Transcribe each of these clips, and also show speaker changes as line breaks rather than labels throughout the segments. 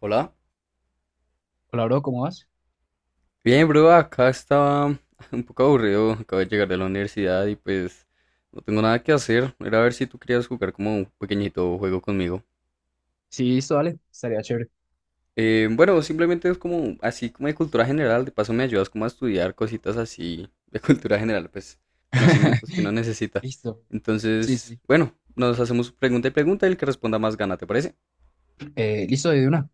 Hola.
Hola, bro, ¿cómo vas?
Bien, bro, acá estaba un poco aburrido, acabo de llegar de la universidad y pues no tengo nada que hacer. Era a ver si tú querías jugar como un pequeñito juego conmigo.
Sí, listo, dale, estaría chévere.
Bueno, simplemente es como así como de cultura general, de paso me ayudas como a estudiar cositas así de cultura general, pues conocimientos que uno necesita.
Listo, sí,
Entonces,
sí.
bueno, nos hacemos pregunta y pregunta y el que responda más gana, ¿te parece?
Listo, de una.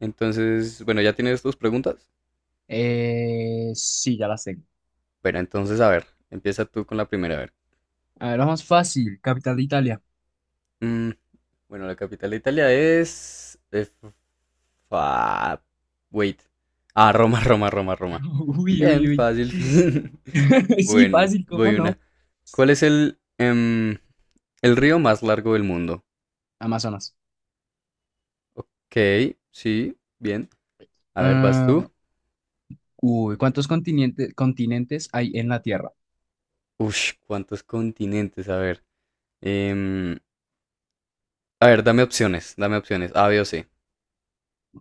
Entonces, bueno, ya tienes tus preguntas.
Sí, ya las tengo.
Bueno, entonces a ver, empieza tú con la primera, a ver.
A ver, la más fácil, capital de Italia.
Mm, Bueno, la capital de Italia es, fa- wait. Ah, Roma, Roma, Roma, Roma.
Uy, uy,
Bien,
uy.
fácil.
Sí,
Bueno,
fácil, ¿cómo
voy una.
no?
¿Cuál es el el río más largo del mundo?
Amazonas.
Ok, sí, bien. A ver, ¿vas tú?
Ah, uy, ¿cuántos continentes hay en la Tierra?
Ush, ¿cuántos continentes? A ver. em, a ver, dame opciones, dame opciones. A, B o C.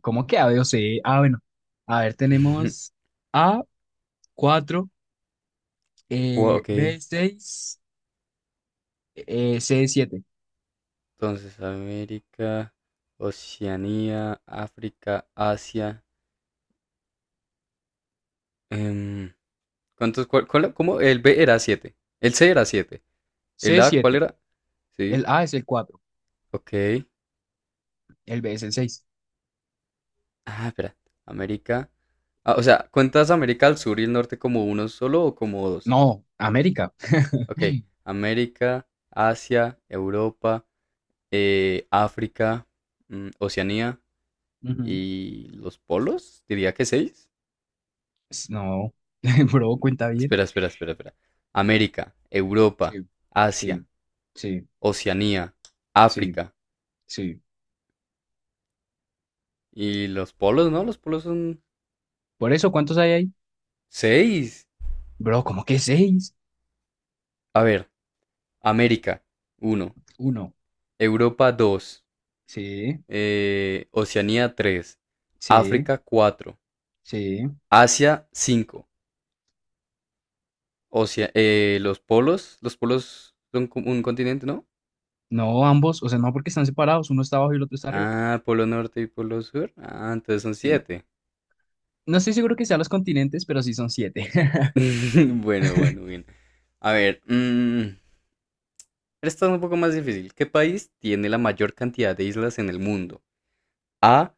¿Cómo que A, B o C? Ah, bueno. A ver, tenemos A, 4,
Ok,
B, 6, C, 7,
entonces América, Oceanía, África, Asia. Em, ¿Cuántos, cómo? El B era siete. El C era siete. El
C,
A, ¿cuál
7.
era? Sí,
El A es el 4,
ok.
el B es el seis.
Ah, espera. América. Ah, o sea, ¿cuentas América al sur y el norte como uno solo o como dos?
No, América.
Ok. América, Asia, Europa, África, Oceanía
Ujú.
y los polos. Diría que seis.
No, bro, cuenta bien.
Espera. América,
Sí,
Europa, Asia,
sí, sí,
Oceanía,
sí,
África
sí.
y los polos, ¿no? Los polos son
Por eso, ¿cuántos hay ahí?
seis.
Bro, ¿cómo que seis?
A ver, América, uno.
Uno.
Europa, 2.
Sí,
Oceanía, tres.
sí,
África, cuatro.
sí.
Asia, 5. Los polos, los polos son un continente, ¿no?
No, ambos, o sea, no porque están separados, uno está abajo y el otro está arriba.
Ah, polo norte y polo sur. Ah, entonces son
Sí.
siete.
No estoy seguro que sean los continentes, pero sí son siete.
Bueno, bueno, bien. A ver, mm, esta es un poco más difícil. ¿Qué país tiene la mayor cantidad de islas en el mundo? A,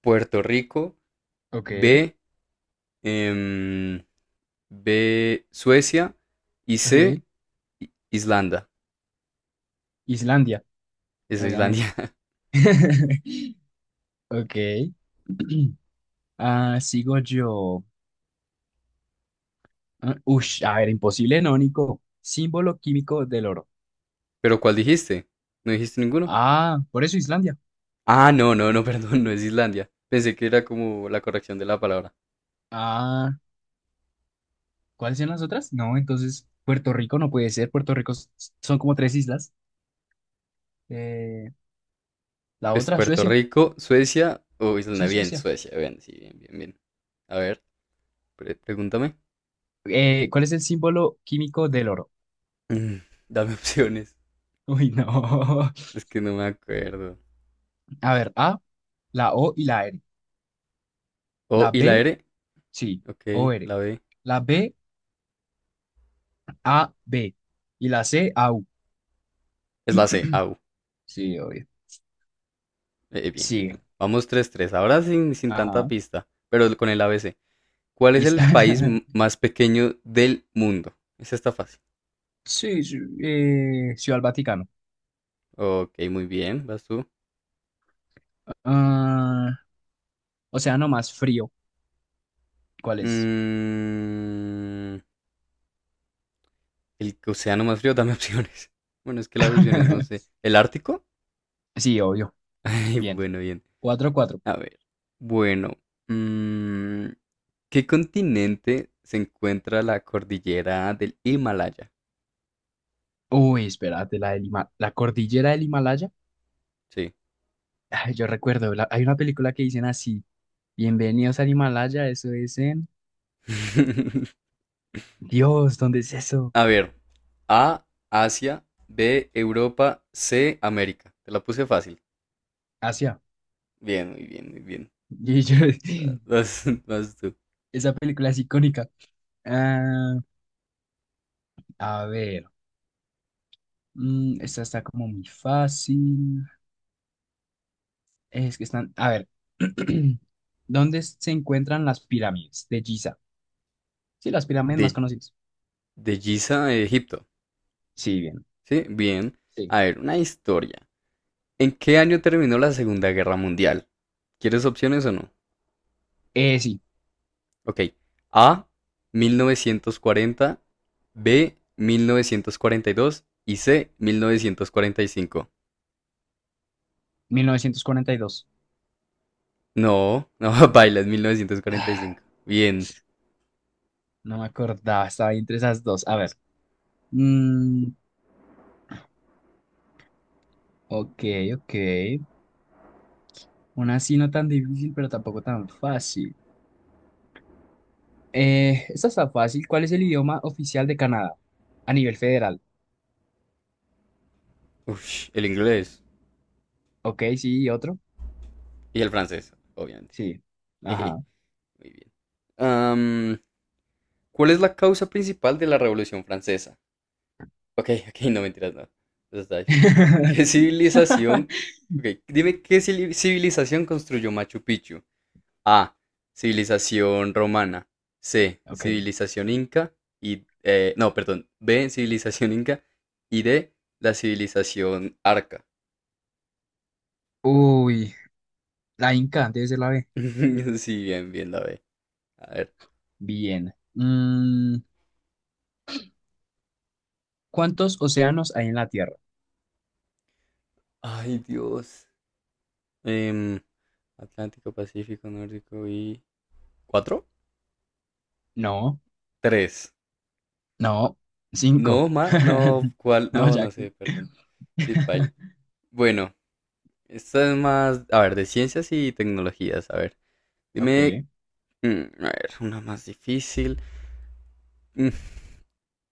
Puerto Rico.
Ok,
B, em, Suecia. Y
ok.
C, Islanda.
Islandia,
Es Islandia.
obviamente. Ok. Ah, sigo yo. Ah, Ush, a ver, imposible, no, Nico. Símbolo químico del oro.
¿Pero cuál dijiste? ¿No dijiste ninguno?
Ah, por eso Islandia.
Ah, no, no, no, perdón, no es Islandia. Pensé que era como la corrección de la palabra.
Ah, ¿cuáles son las otras? No, entonces Puerto Rico no puede ser. Son como tres islas. Eh, la
Es
otra,
Puerto
Suecia.
Rico, Suecia o Islanda.
Sí,
Bien,
Suecia.
Suecia, bien, sí, bien, bien, bien. A ver, pregúntame.
¿Cuál es el símbolo químico del oro?
Mm, Dame opciones.
Uy, no.
Es que no me acuerdo.
A ver, A, la O y la R.
Oh,
La
¿y
B,
la R?
sí,
Ok,
o r,
la B.
la B, A, B. Y la C, Au.
Es la C. Au.
Sí, obvio.
Bien, bien,
Sí,
bien. Vamos tres tres. Ahora sin, sin tanta
ajá.
pista, pero con el A B C. ¿Cuál es
Listo.
el país más pequeño del mundo? Esa está fácil.
Sí, sí, Ciudad del Vaticano.
Ok, muy bien, vas tú.
Ah, océano más frío. ¿Cuál es?
Mm, el océano más frío, dame opciones. Bueno, es que las opciones no sé. ¿El Ártico?
Sí, obvio.
Ay,
Bien.
bueno, bien.
4-4.
A ver. Bueno, mm, ¿qué continente se encuentra la cordillera del Himalaya?
Uy, espérate, la cordillera del Himalaya.
Sí.
Ay, yo recuerdo, hay una película que dicen así: bienvenidos al Himalaya, eso es en... Dios, ¿dónde es eso?
A ver. A, Asia. B, Europa. C, América. Te la puse fácil.
Asia.
Bien, muy bien, muy bien.
Y yo-
Vas, vas tú.
Esa película es icónica. Ah, a ver, esta está como muy fácil. Es que están, a ver, ¿dónde se encuentran las pirámides de Giza? Sí, las pirámides más
De,
conocidas.
de Giza a Egipto.
Sí, bien,
Sí, bien.
sí.
A ver, una historia. ¿En qué año terminó la Segunda Guerra Mundial? ¿Quieres opciones o no?
Sí,
Ok. A, 1940. B, 1942 y dos. Y C, 1945.
1942.
No, no, baila, es
Ah,
1945. Bien.
no me acordaba, estaba ahí entre esas dos. A ver, mm, ok, ok. Una así no tan difícil, pero tampoco tan fácil. Esta está fácil. ¿Cuál es el idioma oficial de Canadá a nivel federal?
Uf, el inglés
Ok, sí, ¿y otro?
y el francés, obviamente.
Sí. Ajá.
Jeje, muy bien. Am, ¿Cuál es la causa principal de la Revolución Francesa? Ok, ok, no mentiras, no. Eso está difícil. ¿Qué civilización? Ok, dime qué civilización construyó Machu Picchu. A, civilización romana. C,
Ok.
civilización inca. Y no, perdón. B, civilización inca. Y D, la civilización arca.
Uy, la Inca, debe ser la B.
Sí, bien, bien la B. A ver.
Bien. ¿Cuántos océanos hay en la Tierra?
Ay, Dios. Em, Atlántico, Pacífico, Nórdico y. ¿Cuatro?
No,
Tres.
no, cinco.
No, ma, no, ¿cuál?
No,
No,
ya
no
que.
sé, perdón. Sí, paila. Bueno, esta es más, a ver, de ciencias y tecnologías, a ver. Dime,
Ok.
mm, a ver, una más difícil. Mm,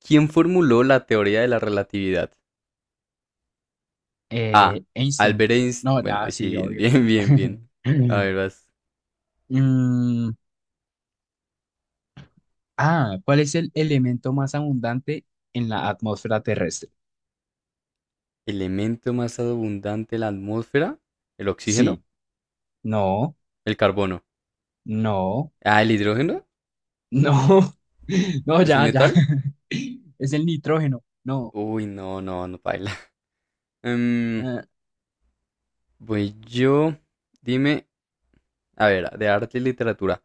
¿Quién formuló la teoría de la relatividad? A,
Einstein.
Albert Einstein.
No,
Bueno,
ya,
sí,
sí,
bien,
obvio.
bien, bien, bien. A ver, vas.
Mm, ¿cuál es el elemento más abundante en la atmósfera terrestre?
Elemento más abundante en la atmósfera, el oxígeno,
Sí, no,
el carbono.
no,
Ah, el hidrógeno,
no. No,
¿es un
ya, ya.
metal?
Es el nitrógeno. No.
Uy, no, no, no, paila. Em,
eh,
voy yo. Dime, a ver, de arte y literatura.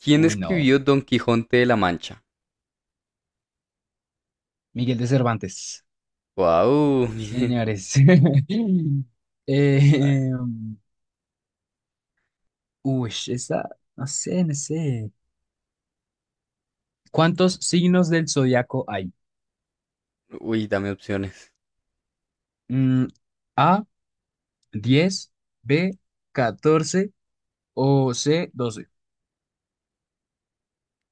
¿Quién
uy, no.
escribió Don Quijote de la Mancha?
Miguel de Cervantes.
Wow,
Sí,
bien.
señores.
A ver.
Eh, uy, esa, no sé, no sé. ¿Cuántos signos del zodiaco hay?
Uy, dame opciones.
Mm, A, 10, B, 14 o C, 12.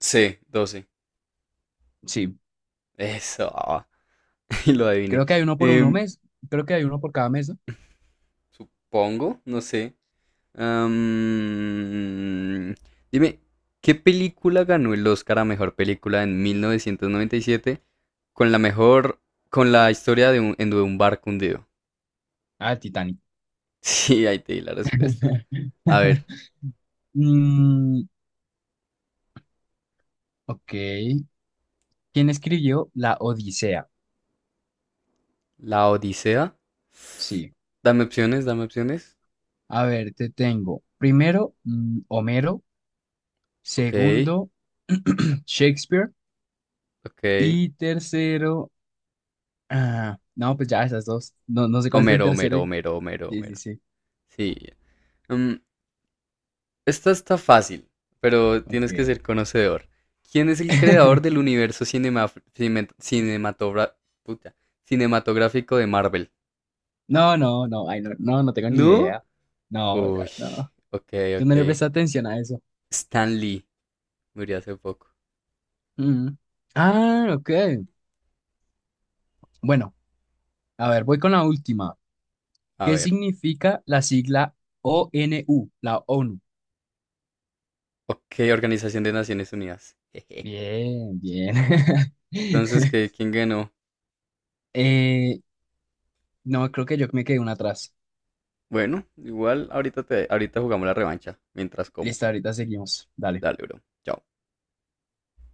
C, 12.
Sí,
Eso. Y lo adiviné.
creo que hay uno por uno
Em,
mes, creo que hay uno por cada mes, ¿no?
supongo, no sé. Am, dime, ¿qué película ganó el Oscar a mejor película en 1997 con la mejor con la historia de de un barco hundido?
Ah, el Titanic.
Sí, ahí te di la respuesta. A ver,
Mm, ok. ¿Quién escribió la Odisea?
la Odisea.
Sí.
Dame opciones, dame opciones.
A ver, te tengo. Primero, Homero.
Ok,
Segundo, Shakespeare.
ok.
Y tercero, ah, no, pues ya esas dos. No, no sé cuál es el
Homero,
tercero.
Homero, Homero, Homero,
Sí, sí,
Homero.
sí.
Sí. Mm, esta está fácil, pero
Ok.
tienes que ser conocedor. ¿Quién es el creador del universo cine- cinematogra- puta, cinematográfico de Marvel?
No, no, no, ay, no, no, no tengo ni
¿No?
idea. No, ya,
Uy,
no.
ok,
Yo no le
ok.
presté atención a eso.
Stan Lee murió hace poco.
Mm. Ah, ok. Bueno, a ver, voy con la última.
A
¿Qué
ver.
significa la sigla ONU, la ONU?
Ok, Organización de Naciones Unidas. Jeje.
Bien, bien.
Entonces, ¿qué, ¿quién ganó?
Eh, no, creo que yo me quedé una atrás.
Bueno, igual ahorita te, ahorita jugamos la revancha mientras como.
Listo, ahorita seguimos. Dale.
Dale, bro. Chao.